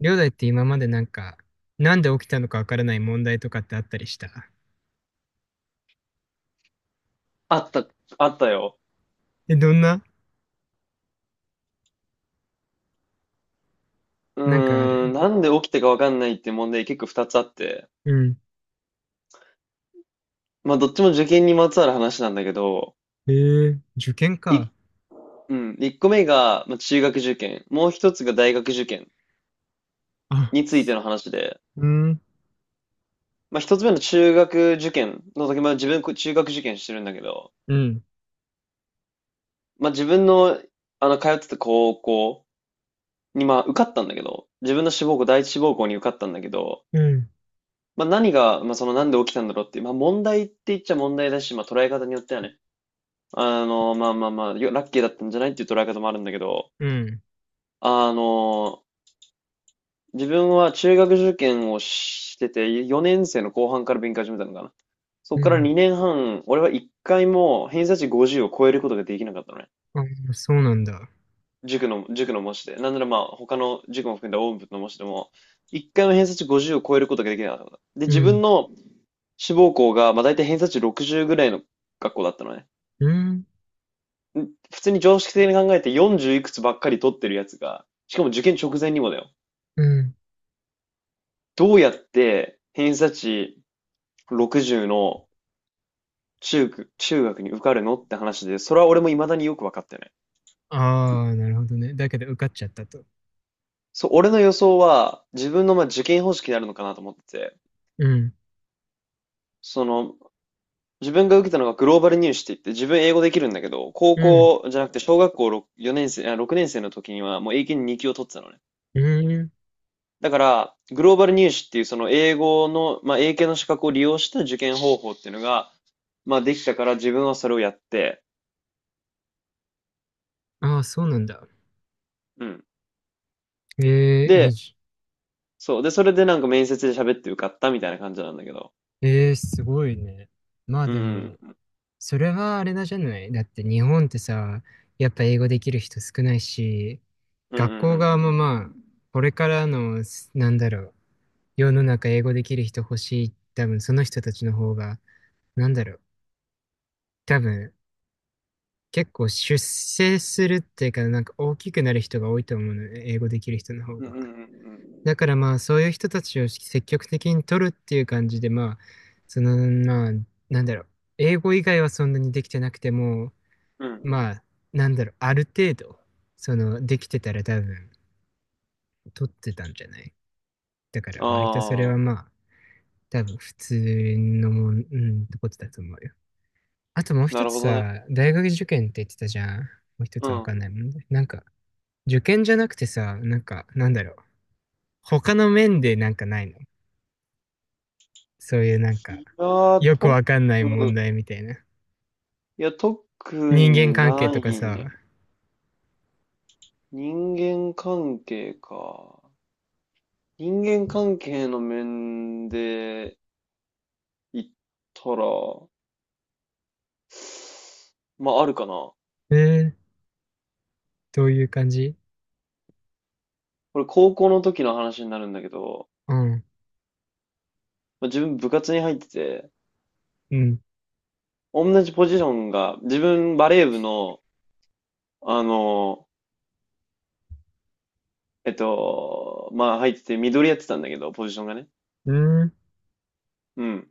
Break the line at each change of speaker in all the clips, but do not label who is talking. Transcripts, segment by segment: りょうだいって今までなんか、なんで起きたのかわからない問題とかってあったりした？
あった、あったよ。
え、どんな？
う
なんかあ
ーん、
る？
なんで起きたかわかんないっていう問題結構二つあって。
うん。
まあ、どっちも受験にまつわる話なんだけど、
へえー、受験
い、
か。
うん、一個目が、まあ、中学受験、もう一つが大学受験
あ、
について
す
の話で、
うん、
まあ、一つ目の中学受験の時、まあ、自分、中学受験してるんだけど、
うん、
まあ、自分の、通ってた高校に、まあ、受かったんだけど、自分の志望校、第一志望校に受かったんだけど、
うん、
まあ、何が、まあ、その、なんで起きたんだろうっていう、まあ、問題って言っちゃ問題だし、まあ、捉え方によってはね、まあまあまあ、よラッキーだったんじゃないっていう捉え方もあるんだけど、
うん、
あの、自分は中学受験をしてて、4年生の後半から勉強始めたのかな。そ
う
こから
ん。
2年半、俺は1回も偏差値50を超えることができなかったのね。
あ、そうなんだ。
塾の模試で。なんならまあ、他の塾も含んだ大部の模試でも、1回も偏差値50を超えることができなかった。で、
う
自分
ん、
の志望校が、まあ大体偏差値60ぐらいの学校だったのね。
うん、
普通に常識的に考えて40いくつばっかり取ってるやつが、しかも受験直前にもだよ。
うん。
どうやって偏差値60の中学に受かるのって話で、それは俺も未だによく分かってない。
ああ、なるほどね。だけど受かっちゃったと。
そう、俺の予想は自分のまあ受験方式になるのかなと思ってて、
うん、
その、自分が受けたのがグローバル入試って言って、自分英語できるんだけど、高
うん、
校じゃなくて小学校 6年生の時にはもう英検2級を取ってたのね。
うん。
だから、グローバル入試っていうその英語の、まあ、英検の資格を利用した受験方法っていうのが、まあ、できたから自分はそれをやって、
ああ、そうなんだ。
うん。
ええ、いい
で、
じ。
そう。で、それでなんか面接で喋って受かったみたいな感じなんだけど。
ええ、すごいね。まあ
う
で
ん。
も、それはあれなんじゃない？だって日本ってさ、やっぱ英語できる人少ないし、
うんうんう
学校側もま
ん
あ、これからの、なんだろう、世の中英語できる人欲しい。多分その人たちの方が、なんだろう、多分結構出世するっていうか、なんか大きくなる人が多いと思うのね、英語できる人の方
うん。うん
が。
うん
だからまあ、そういう人たちを積極的に取るっていう感じで、まあ、その、まあ、なんだろう、英語以外はそんなにできてなくても、
うんうん。うん。
まあ、なんだろう、ある程度、その、できてたら多分、取ってたんじゃない？だから、割とそれ
あ
は
あ、
まあ、多分、普通のもん、うん、ってことだと思うよ。あともう
な
一
る
つ
ほどね。
さ、大学受験って言ってたじゃん。もう一
う
つわ
ん。
かんないもんね。なんか、受験じゃなくてさ、なんか、なんだろう、他の面でなんかないの？そういうなんか、
いやー、
よくわ
特、
かんない問題みたいな。
特
人間
に
関係
な
とか
いね。
さ、
人間関係か。人間関係の面で、行ったら、まああるかな。
えー、どういう感じ？
これ高校の時の話になるんだけど、
うん、
まあ、自分部活に入ってて、
うん、
同じポジションが、自分バレー部の、あの、まあ入ってて、緑やってたんだけど、ポジションがね。
うん、
うん。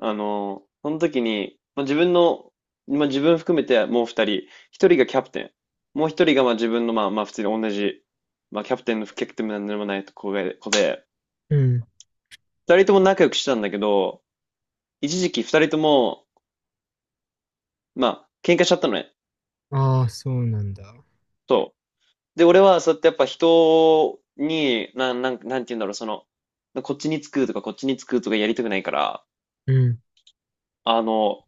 その時に、まあ、自分の、まあ、自分含めてもう二人、一人がキャプテン、もう一人がまあ自分のまあまあ普通に同じ、まあキャプテンの不キャプテンなんでもない子が子で、
うん。
二人とも仲良くしてたんだけど、一時期二人ともまあ、喧嘩しちゃったのね。
ああ、そうなんだ。
そう。で、俺はそうやってやっぱ人に、なんて言うんだろう、その、こっちにつくとかこっちにつくとかやりたくないから、
うん、
あの、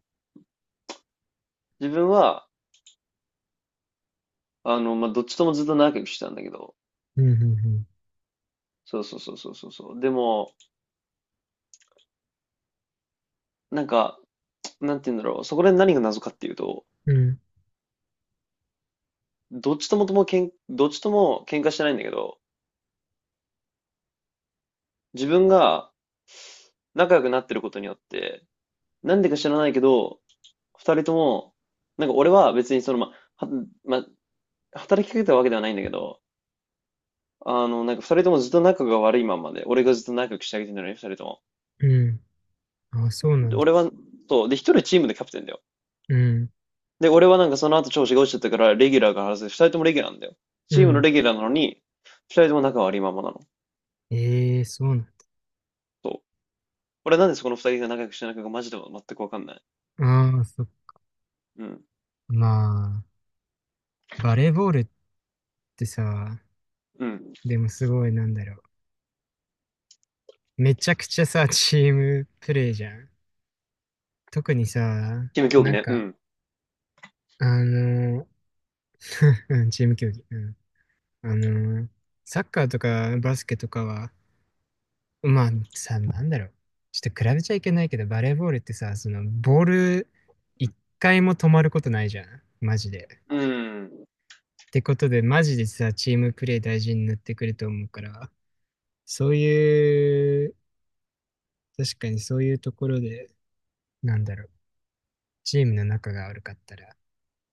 自分は、まあ、どっちともずっと仲良くしてたんだけど、
うん、うん、
そうそうそうそうそうそう。でも、なんか、なんて言うんだろう、そこで何が謎かっていうと、
うん、
どっちとも喧嘩してないんだけど、自分が仲良くなってることによって、なんでか知らないけど、二人とも、なんか俺は別にその、はま、働きかけたわけではないんだけど、なんか二人ともずっと仲が悪いままで、俺がずっと仲良くしてあげてるのに、二人とも。
うん、うん。ああ、そうな
で、
んだ。
俺は、そう、で、一人はチームでキャプテンだよ。
うん、
で、俺はなんかその後調子が落ちちゃったから、レギュラーが外れて、二人ともレギュラーなんだよ。
う
チームの
ん。
レギュラーなのに、二人とも仲悪いままなの。
ええ、そうなん
そう。俺なんでそこの二人が仲良くしてないのかマジで全くわかんない。
だ。ああ、そっか。
うん。
まあ、バレーボールってさ、
うん。
でもすごいなんだろう。めちゃくちゃさ、チームプレーじゃん。特にさ、
チーム競技
なん
ね。う
か、
ん。
あの、うんチーム競技。うん。あの、サッカーとかバスケとかは、まあさ、なんだろう。ちょっと比べちゃいけないけど、バレーボールってさ、その、ボール、一回も止まることないじゃん。マジで。
うん。
ってことで、マジでさ、チームプレー大事になってくると思うから、そういう、確かにそういうところで、なんだろう。チームの仲が悪かったら、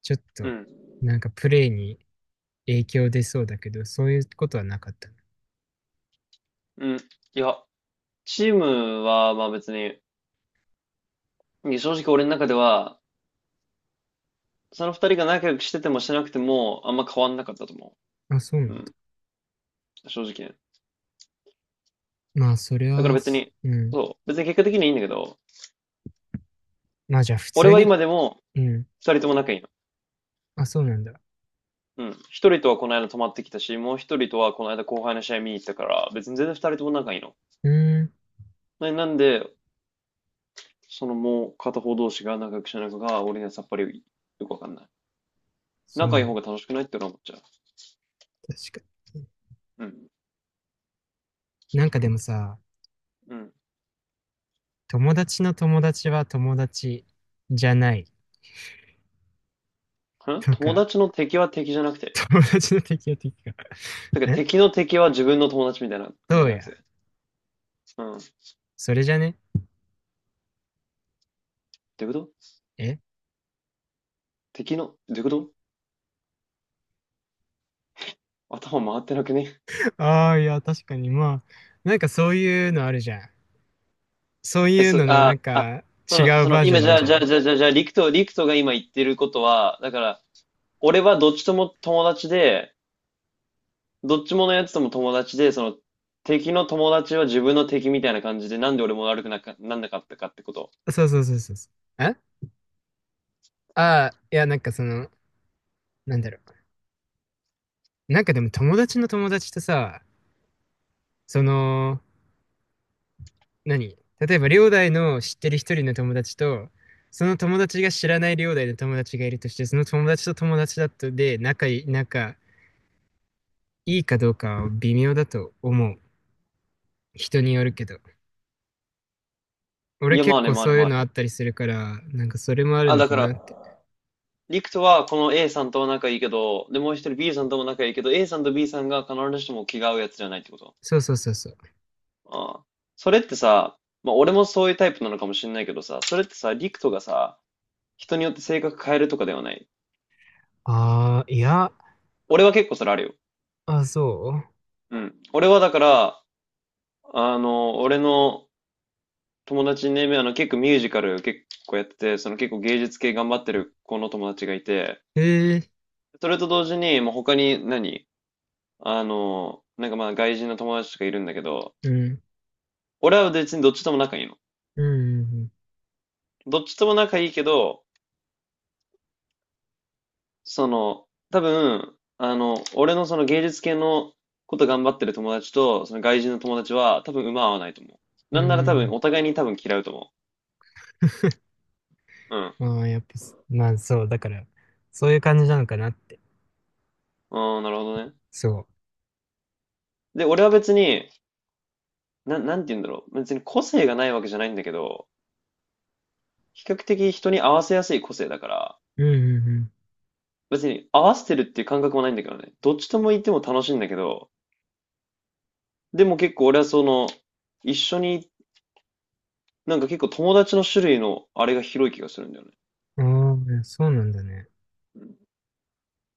ちょっ
う
と、
ん。
なんかプレーに影響出そうだけど、そういうことはなかった？
うん。いや、チームは、まあ別に、正直俺の中では、その二人が仲良くしててもしてなくても、あんま変わんなかったと思
なあ、そうな
う。う
んだ。
ん。正直ね。
まあ、それ
だから
は、
別に、
うん。
そう。別に結果的にいいんだけど、
まあ、じゃあ、普
俺
通
は
に、
今でも
うん。
二人とも仲いいの。
あ、そうなんだ。
うん。一人とはこの間泊まってきたし、もう一人とはこの間後輩の試合見に行ったから、別に全然二人とも仲いいの。
うーん。
なんで、そのもう片方同士が仲良くしてないのかが、俺にはさっぱりよくわかんない。
そうな
仲い
ん
い
だ。
方が楽しくないって俺は思っちゃう。
確かに。
うん。
なんかでもさ、
うん。
友達の友達は友達じゃないと
友
か、
達の敵は敵じゃなくて。
友達の敵は敵か。
だから
え
敵の敵は自分の友達みたいな感じ
そ
じ
う
ゃなく
や。
て。うん。っ
それじゃね
てこと
え？
敵の、どういうこと？頭回ってなくね？
ああー、いや、確かに。まあ、なんかそういうのあるじゃん。そう
え、
いう
そ、
ののな
あ、
ん
あ、
か
その、
違う
そ
バ
の、
ージョ
今、
ン
じ
なん
ゃあ、
じゃ
じ
な
ゃ
い？
あ、じゃあ、じゃあ、じゃあ、リクトが今言ってることは、だから、俺はどっちとも友達で、どっちものやつとも友達で、その、敵の友達は自分の敵みたいな感じで、なんで俺も悪くなか、なんなかったかってこと。
そうそうそうそうそう。え、ああー、いや、なんかその、なんだろう。なんかでも友達の友達とさ、その、何例えば、両大の知ってる一人の友達と、その友達が知らない両大の友達がいるとして、その友達と友達だとで、仲いい、かどうかは微妙だと思う。人によるけど。
い
俺
や、ま
結
あね、
構
まあ
そ
ね、
ういう
まあ
のあっ
ね。
たりするから、なんかそれもある
あ、
の
だ
か
か
な
ら、
って。
リクトはこの A さんとは仲いいけど、で、もう一人 B さんとも仲いいけど、A さんと B さんが必ずしも気が合うやつじゃないってこと？
そうそうそうそう。
ああ。それってさ、まあ俺もそういうタイプなのかもしれないけどさ、それってさ、リクトがさ、人によって性格変えるとかではない？
ああ、いや、
俺は結構それあるよ。
あ、そ
うん。俺はだから、俺の友達にね、結構ミュージカル結構やってて、その結構芸術系頑張ってる子の友達がいて、
う。へえ、
それと同時に、もう他に何なんかまあ外人の友達とかいるんだけど、
うん、
俺は別にどっちとも仲いいの。
うん、
どっちとも仲いいけど、その、多分、俺のその芸術系のこと頑張ってる友達と、その外人の友達は、多分馬合わないと思う。
う
な
ん、
んなら多
う
分、
ん。
お互いに多分嫌うと思う。うん。
まあ、やっぱ、まあそう、だから、そういう感じなのかなって。
うん、なるほどね。
そ
で、俺は別に、なんて言うんだろう。別に個性がないわけじゃないんだけど、比較的人に合わせやすい個性だから、
う。うん、うん、
別に合わせてるっていう感覚もないんだけどね。どっちとも言っても楽しいんだけど、でも結構俺はその、一緒に、なんか結構友達の種類のあれが広い気がするんだよね。
ああ、そうなんだね。